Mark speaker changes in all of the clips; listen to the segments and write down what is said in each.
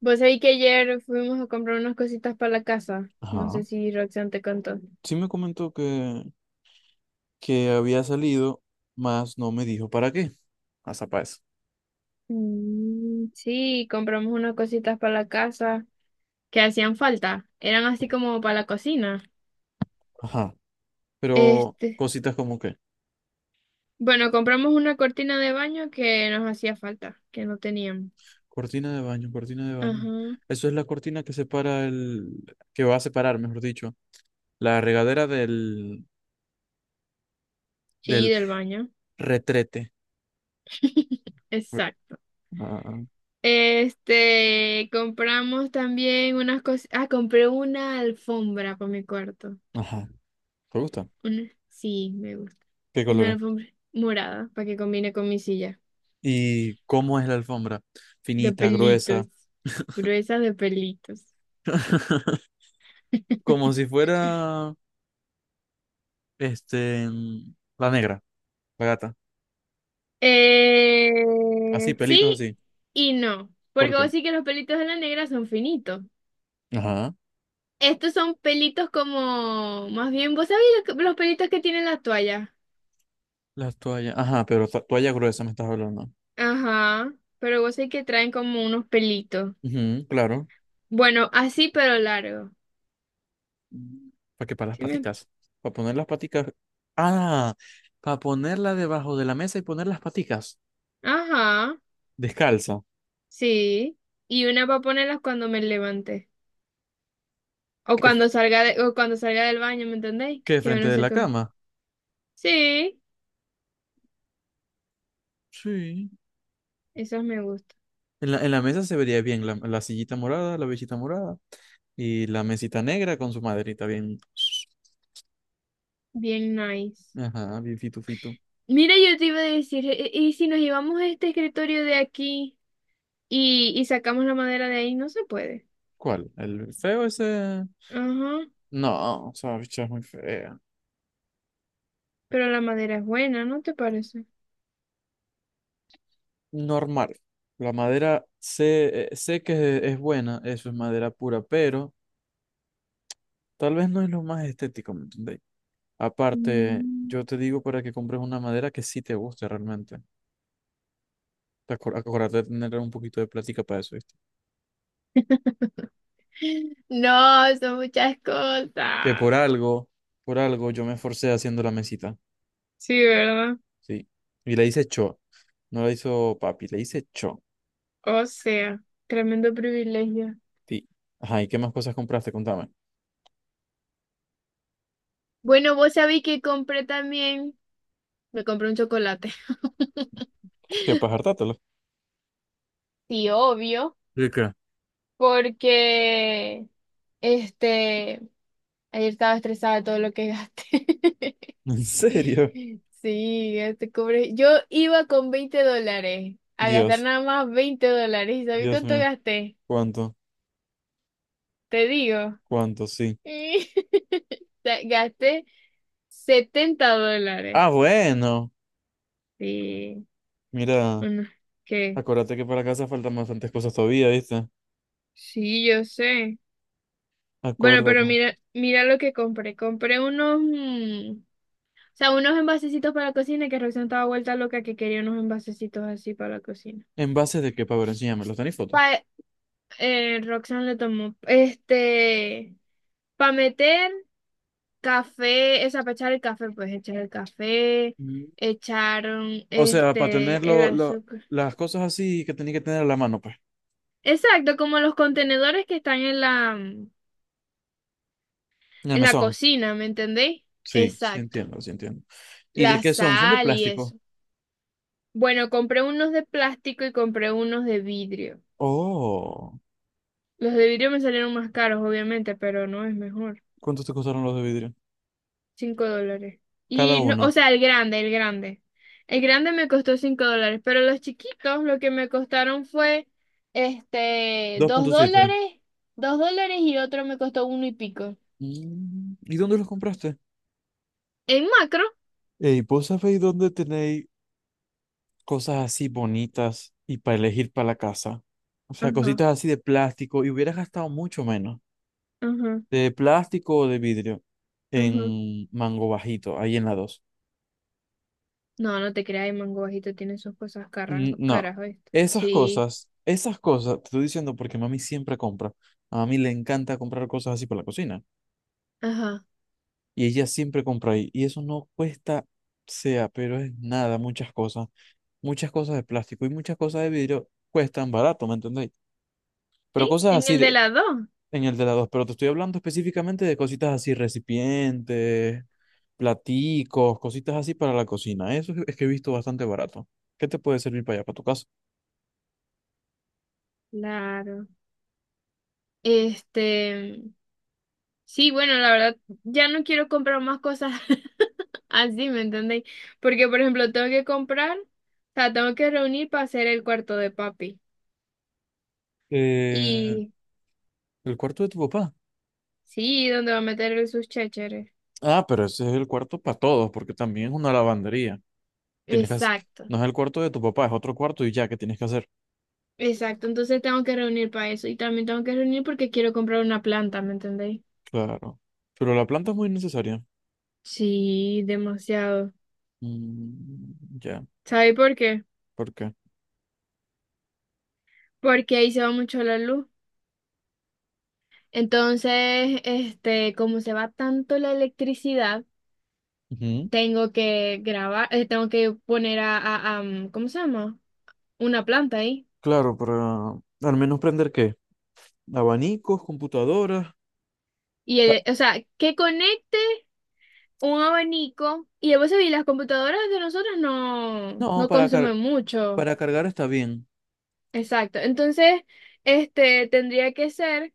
Speaker 1: Vos sabés que ayer fuimos a comprar unas cositas para la casa. No
Speaker 2: Ajá.
Speaker 1: sé si Roxanne te contó.
Speaker 2: Sí me comentó que había salido, mas no me dijo para qué. Hasta para eso.
Speaker 1: Mm, sí, compramos unas cositas para la casa que hacían falta. Eran así como para la cocina.
Speaker 2: Ajá. Pero
Speaker 1: Este,
Speaker 2: cositas como que,
Speaker 1: bueno, compramos una cortina de baño que nos hacía falta, que no teníamos.
Speaker 2: cortina de baño, cortina de baño.
Speaker 1: Ajá.
Speaker 2: Eso es la cortina que separa el, que va a separar, mejor dicho, la regadera del,
Speaker 1: Sí,
Speaker 2: del
Speaker 1: del baño.
Speaker 2: retrete. Re-
Speaker 1: Exacto.
Speaker 2: ah,
Speaker 1: Compramos también unas cosas. Ah, compré una alfombra para mi cuarto.
Speaker 2: Ajá. ¿Te gusta?
Speaker 1: Una, sí, me gusta.
Speaker 2: ¿Qué
Speaker 1: Una
Speaker 2: colores?
Speaker 1: alfombra morada para que combine con mi silla.
Speaker 2: ¿Y cómo es la alfombra?
Speaker 1: De
Speaker 2: Finita, gruesa.
Speaker 1: pelitos. Gruesa de pelitos.
Speaker 2: Como si fuera, este, la negra, la gata. Así,
Speaker 1: Eh,
Speaker 2: pelitos.
Speaker 1: sí y no.
Speaker 2: ¿Por
Speaker 1: Porque vos
Speaker 2: qué?
Speaker 1: sí que los pelitos de la negra son finitos.
Speaker 2: Ajá.
Speaker 1: Estos son pelitos como, más bien, vos sabés los pelitos que tienen la toalla.
Speaker 2: Las toallas. Ajá, pero toalla gruesa me estás hablando.
Speaker 1: Ajá, pero vos sabés que traen como unos pelitos.
Speaker 2: Ujú, claro.
Speaker 1: Bueno, así pero largo.
Speaker 2: ¿Para qué? Para las
Speaker 1: ¿Sí me-
Speaker 2: paticas. Para poner las paticas. Ah, para ponerla debajo de la mesa y poner las paticas.
Speaker 1: ajá,
Speaker 2: Descalza.
Speaker 1: sí. Y una para ponerlas cuando me levante. O
Speaker 2: Que,
Speaker 1: cuando o cuando salga del baño, ¿me entendéis?
Speaker 2: que
Speaker 1: Que
Speaker 2: frente
Speaker 1: no
Speaker 2: de
Speaker 1: sé
Speaker 2: la
Speaker 1: qué.
Speaker 2: cama.
Speaker 1: Sí,
Speaker 2: Sí.
Speaker 1: esas me gustan.
Speaker 2: En la mesa se vería bien la sillita morada, la besita morada y la mesita negra con su maderita bien.
Speaker 1: Bien nice.
Speaker 2: Ajá, bien fitu fitu.
Speaker 1: Mira, yo te iba a decir, ¿y si nos llevamos este escritorio de aquí y sacamos la madera de ahí? No se puede.
Speaker 2: ¿Cuál? ¿El feo ese?
Speaker 1: Ajá.
Speaker 2: No, o sea, bicho, es muy fea
Speaker 1: Pero la madera es buena, ¿no te parece?
Speaker 2: normal. La madera sé, sé que es buena, eso es madera pura, pero tal vez no es lo más estético, ¿me entendéis? Aparte,
Speaker 1: Mm.
Speaker 2: yo te digo para que compres una madera que sí te guste realmente. Acuérdate de tener un poquito de plática para eso, ¿viste?
Speaker 1: No, son muchas
Speaker 2: Que
Speaker 1: cosas.
Speaker 2: por algo yo me esforcé haciendo la mesita,
Speaker 1: Sí, ¿verdad?
Speaker 2: ¿sí? Y le hice cho, no la hizo papi, le hice cho,
Speaker 1: O sea, tremendo privilegio.
Speaker 2: sí. Ajá, ¿y qué más cosas compraste? Contame.
Speaker 1: Bueno, vos sabéis que compré también, me compré un chocolate.
Speaker 2: Pues que para hartátelo.
Speaker 1: Sí, obvio,
Speaker 2: ¿De qué?
Speaker 1: porque este ayer estaba estresada de todo lo que gasté.
Speaker 2: ¿En serio?
Speaker 1: Sí, gasté cobre. Yo iba con $20 a gastar
Speaker 2: Dios,
Speaker 1: nada más $20. ¿Y sabes
Speaker 2: Dios
Speaker 1: cuánto
Speaker 2: mío,
Speaker 1: gasté?
Speaker 2: ¿cuánto?
Speaker 1: Te digo.
Speaker 2: ¿Cuánto? Sí.
Speaker 1: Gasté $70.
Speaker 2: Ah, bueno.
Speaker 1: Sí,
Speaker 2: Mira,
Speaker 1: bueno, ¿qué?
Speaker 2: acuérdate que para casa faltan bastantes cosas todavía, ¿viste?
Speaker 1: Sí, yo sé. Bueno, pero
Speaker 2: Acuérdate.
Speaker 1: mira, mira lo que compré. Compré unos. O sea, unos envasecitos para la cocina que Roxanne estaba vuelta loca que quería unos envasecitos así para la cocina.
Speaker 2: ¿En base de qué? Para ver, enséñame, ¿los tenéis fotos?
Speaker 1: Pa, Roxanne le tomó, para meter café, esa, para echar el café, pues echar el café,
Speaker 2: Mm.
Speaker 1: echaron,
Speaker 2: O sea, para tener
Speaker 1: el azúcar.
Speaker 2: las cosas así que tenéis que tener a la mano, pues.
Speaker 1: Exacto, como los contenedores que están en
Speaker 2: En el
Speaker 1: la
Speaker 2: mesón.
Speaker 1: cocina, ¿me entendéis?
Speaker 2: Sí, sí
Speaker 1: Exacto,
Speaker 2: entiendo, sí entiendo. ¿Y de
Speaker 1: la
Speaker 2: qué son? ¿Son de
Speaker 1: sal y
Speaker 2: plástico?
Speaker 1: eso. Bueno, compré unos de plástico y compré unos de vidrio.
Speaker 2: Oh,
Speaker 1: Los de vidrio me salieron más caros, obviamente, pero no es mejor.
Speaker 2: ¿cuántos te costaron los de vidrio?
Speaker 1: $5.
Speaker 2: Cada
Speaker 1: Y no, o
Speaker 2: uno.
Speaker 1: sea, el grande. El grande me costó $5, pero los chiquitos lo que me costaron fue dos
Speaker 2: 2.7.
Speaker 1: dólares, $2 y otro me costó uno y pico.
Speaker 2: Mm, ¿y dónde los compraste?
Speaker 1: En macro.
Speaker 2: Ey, ¿vos sabéis dónde tenéis cosas así bonitas y para elegir para la casa? O sea,
Speaker 1: Ajá,
Speaker 2: cositas así de plástico y hubieras gastado mucho menos
Speaker 1: ajá,
Speaker 2: de plástico o de vidrio en
Speaker 1: ajá.
Speaker 2: Mango Bajito, ahí en la dos.
Speaker 1: No, no te creas, el mango bajito tiene sus cosas caras,
Speaker 2: Mm, no,
Speaker 1: caras, ¿oíste? Sí,
Speaker 2: esas cosas, te estoy diciendo porque mami siempre compra. A mami le encanta comprar cosas así para la cocina
Speaker 1: ajá.
Speaker 2: y ella siempre compra ahí y eso no cuesta sea, pero es nada, muchas cosas de plástico y muchas cosas de vidrio cuestan barato, ¿me entendéis? Pero
Speaker 1: Sí,
Speaker 2: cosas
Speaker 1: en
Speaker 2: así
Speaker 1: el de
Speaker 2: de,
Speaker 1: las dos.
Speaker 2: en el de la dos, pero te estoy hablando específicamente de cositas así, recipientes, platicos, cositas así para la cocina. Eso es que he visto bastante barato. ¿Qué te puede servir para allá, para tu casa?
Speaker 1: Claro. Este. Sí, bueno, la verdad, ya no quiero comprar más cosas así, ¿me entendéis? Porque, por ejemplo, tengo que comprar, o sea, tengo que reunir para hacer el cuarto de papi.
Speaker 2: Eh,
Speaker 1: Y
Speaker 2: el cuarto de tu papá.
Speaker 1: sí, ¿donde va a meter el sus chécheres?
Speaker 2: Ah, pero ese es el cuarto para todos, porque también es una lavandería. Tienes que hacer-
Speaker 1: Exacto,
Speaker 2: No es el cuarto de tu papá, es otro cuarto y ya, ¿qué tienes que hacer?
Speaker 1: exacto. Entonces tengo que reunir para eso. Y también tengo que reunir porque quiero comprar una planta, ¿me entendéis?
Speaker 2: Claro. Pero la planta es muy necesaria.
Speaker 1: Sí, demasiado.
Speaker 2: Mm, ya,
Speaker 1: ¿Sabéis por qué?
Speaker 2: ¿por qué?
Speaker 1: Porque ahí se va mucho la luz. Entonces, como se va tanto la electricidad.
Speaker 2: Ujú.
Speaker 1: Tengo que grabar, tengo que poner ¿cómo se llama? Una planta ahí.
Speaker 2: Claro, ¿para al menos prender qué? Abanicos, computadoras.
Speaker 1: Y, o sea, que conecte un abanico. Y a veces, y las computadoras de nosotros
Speaker 2: No,
Speaker 1: no consumen mucho.
Speaker 2: para cargar está bien.
Speaker 1: Exacto. Entonces, tendría que ser,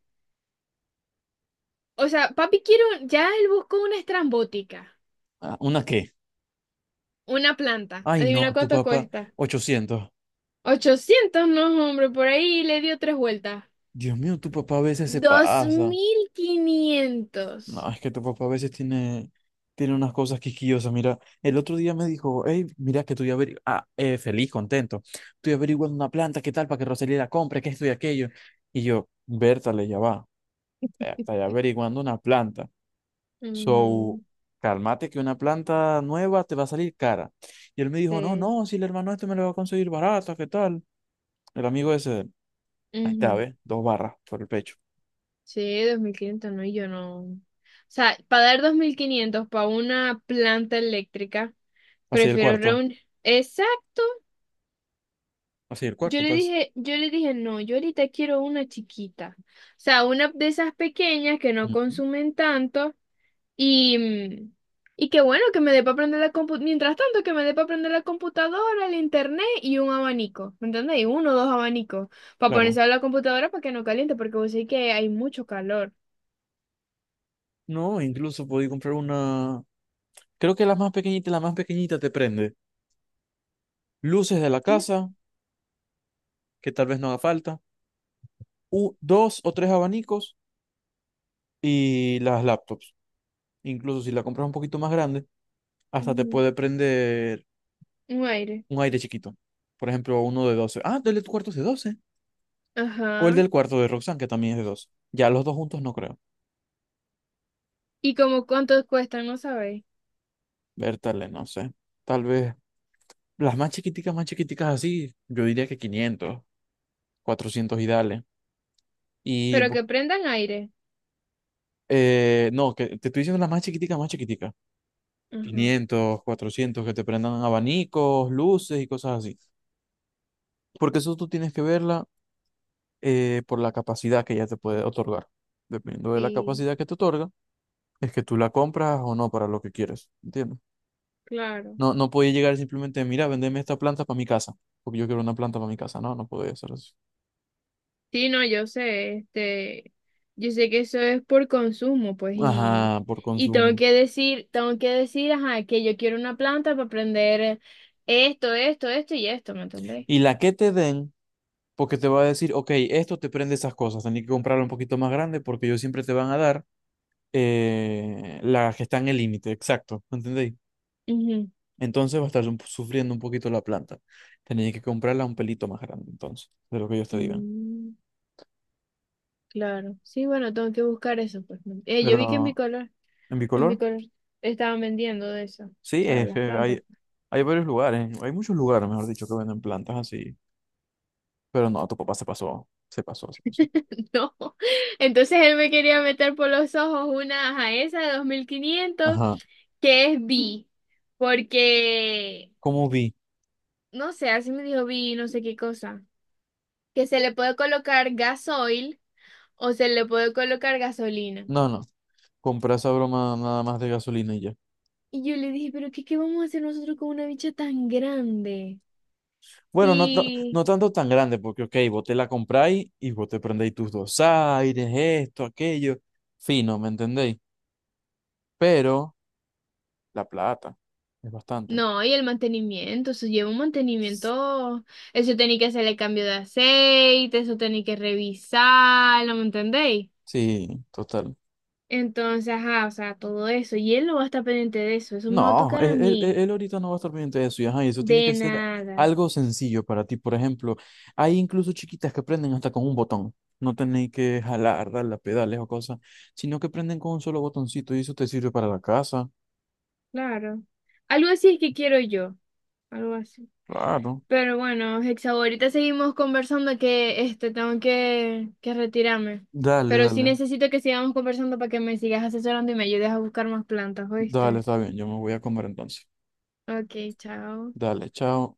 Speaker 1: o sea, papi quiero, ya él buscó una estrambótica,
Speaker 2: Ah, ¿una qué?
Speaker 1: una planta.
Speaker 2: Ay,
Speaker 1: Adivina
Speaker 2: no, tu
Speaker 1: cuánto
Speaker 2: papá,
Speaker 1: cuesta.
Speaker 2: 800.
Speaker 1: Ochocientos no, hombre, por ahí le dio tres vueltas.
Speaker 2: Dios mío, tu papá a veces se pasa. No,
Speaker 1: 2.500.
Speaker 2: es que tu papá a veces tiene unas cosas quisquillosas. Mira, el otro día me dijo, hey, mira que estoy averiguando, feliz, contento. Estoy averiguando una planta, qué tal, para que Rosalía la compre, que esto y aquello. Y yo, Bertale, ya va. Está averiguando una planta. So,
Speaker 1: Ujú.
Speaker 2: cálmate que una planta nueva te va a salir cara. Y él me dijo, no,
Speaker 1: Sí.
Speaker 2: no, si el hermano este me lo va a conseguir barata, ¿qué tal? El amigo ese, de él. Ahí está,
Speaker 1: Ujú.
Speaker 2: ¿ves? Dos barras por el pecho.
Speaker 1: Sí, 2.500 no, y yo no. O sea, para dar 2.500 para una planta eléctrica,
Speaker 2: Así el
Speaker 1: prefiero
Speaker 2: cuarto,
Speaker 1: reunir. Exacto.
Speaker 2: así el cuarto, pues.
Speaker 1: Yo le dije, no, yo ahorita quiero una chiquita. O sea, una de esas pequeñas que no
Speaker 2: Ujú.
Speaker 1: consumen tanto. Y, y qué bueno que me dé para aprender la computadora. Mientras tanto, que me dé para aprender la computadora, el internet y un abanico. ¿Me entendéis? Uno o dos abanicos. Para
Speaker 2: Claro.
Speaker 1: ponerse a la computadora para que no caliente, porque vos sabés que hay mucho calor.
Speaker 2: No, incluso podí comprar una, creo que la más pequeñita te prende. Luces de la
Speaker 1: ¿Mm?
Speaker 2: casa, que tal vez no haga falta. Dos o tres abanicos y las laptops. Incluso si la compras un poquito más grande, hasta te
Speaker 1: Ujú.
Speaker 2: puede prender
Speaker 1: Un aire.
Speaker 2: un aire chiquito. Por ejemplo, uno de 12. Ah, del cuarto es de 12, o el
Speaker 1: Ajá.
Speaker 2: del cuarto de Roxanne, que también es de 12. Ya los dos juntos no creo.
Speaker 1: ¿Y como cuántos cuestan? No sabéis.
Speaker 2: Bertale, no sé. Tal vez las más chiquiticas así, yo diría que 500, 400 y dale. Y
Speaker 1: Pero
Speaker 2: bu-
Speaker 1: que prendan aire.
Speaker 2: no, que te estoy diciendo las más chiquiticas, más chiquiticas.
Speaker 1: Ajá.
Speaker 2: 500, 400 que te prendan abanicos, luces y cosas así. Porque eso tú tienes que verla por la capacidad que ella te puede otorgar. Dependiendo de la
Speaker 1: Sí,
Speaker 2: capacidad que te otorga, es que tú la compras o no para lo que quieres, ¿entiendes?
Speaker 1: claro.
Speaker 2: No, no podía llegar simplemente, mira, vendeme esta planta para mi casa, porque yo quiero una planta para mi casa. No, no podía hacer eso.
Speaker 1: Sí, no, yo sé, yo sé que eso es por consumo, pues,
Speaker 2: Ajá, por
Speaker 1: y
Speaker 2: consumo.
Speaker 1: tengo que decir, ajá, que yo quiero una planta para aprender esto, esto, esto y esto, ¿me entendéis?
Speaker 2: Y la que te den, porque te va a decir, ok, esto te prende esas cosas, tenés que comprarla un poquito más grande porque ellos siempre te van a dar las que están en el límite, exacto, ¿entendéis?
Speaker 1: Ujú.
Speaker 2: Entonces va a estar sufriendo un poquito la planta. Tenés que comprarla un pelito más grande, entonces, de lo que ellos te digan.
Speaker 1: Mm, claro, sí, bueno, tengo que buscar eso, pues. ¿No? Yo vi que
Speaker 2: Pero, ¿en
Speaker 1: En
Speaker 2: bicolor?
Speaker 1: Bicolor estaban vendiendo de eso, o
Speaker 2: Sí,
Speaker 1: sea,
Speaker 2: es que
Speaker 1: las plantas.
Speaker 2: hay, hay varios lugares, hay muchos lugares, mejor dicho, que venden plantas así. Pero no, tu papá se pasó, se pasó, se pasó.
Speaker 1: No, entonces él me quería meter por los ojos una, ajá, esa de 2.500
Speaker 2: Ajá.
Speaker 1: que es B. Porque
Speaker 2: ¿Cómo vi?
Speaker 1: no sé, así me dijo vi no sé qué cosa. Que se le puede colocar gasoil o se le puede colocar gasolina.
Speaker 2: No, no, compré esa broma nada más de gasolina y ya.
Speaker 1: Y yo le dije, pero qué, ¿qué vamos a hacer nosotros con una bicha tan grande?
Speaker 2: Bueno, no, no
Speaker 1: Sí.
Speaker 2: tanto tan grande, porque, ok, vos te la compráis y vos te prendéis tus dos aires, esto, aquello. Fino, ¿me entendéis? Pero la plata es bastante.
Speaker 1: No, y el mantenimiento, eso lleva un mantenimiento, eso tenía que hacerle cambio de aceite, eso tenía que revisarlo, ¿me entendéis?
Speaker 2: Sí, total.
Speaker 1: Entonces, ajá, o sea, todo eso, y él no va a estar pendiente de eso, eso me va a
Speaker 2: No,
Speaker 1: tocar
Speaker 2: él,
Speaker 1: a
Speaker 2: él- él-
Speaker 1: mí,
Speaker 2: él ahorita no va a estar pendiente de eso, y ajá, y eso tiene
Speaker 1: de
Speaker 2: que ser
Speaker 1: nada,
Speaker 2: algo sencillo para ti. Por ejemplo, hay incluso chiquitas que prenden hasta con un botón. No tenéis que jalar, darle a pedales o cosas, sino que prenden con un solo botoncito y eso te sirve para la casa.
Speaker 1: claro. Algo así es que quiero yo. Algo así.
Speaker 2: Claro.
Speaker 1: Pero bueno, Hexa, ahorita seguimos conversando que tengo que retirarme.
Speaker 2: Dale,
Speaker 1: Pero sí
Speaker 2: dale.
Speaker 1: necesito que sigamos conversando para que me sigas asesorando y me ayudes a buscar más plantas,
Speaker 2: Dale,
Speaker 1: ¿oíste?
Speaker 2: está bien, yo me voy a comer entonces.
Speaker 1: Ok, chao.
Speaker 2: Dale, chao.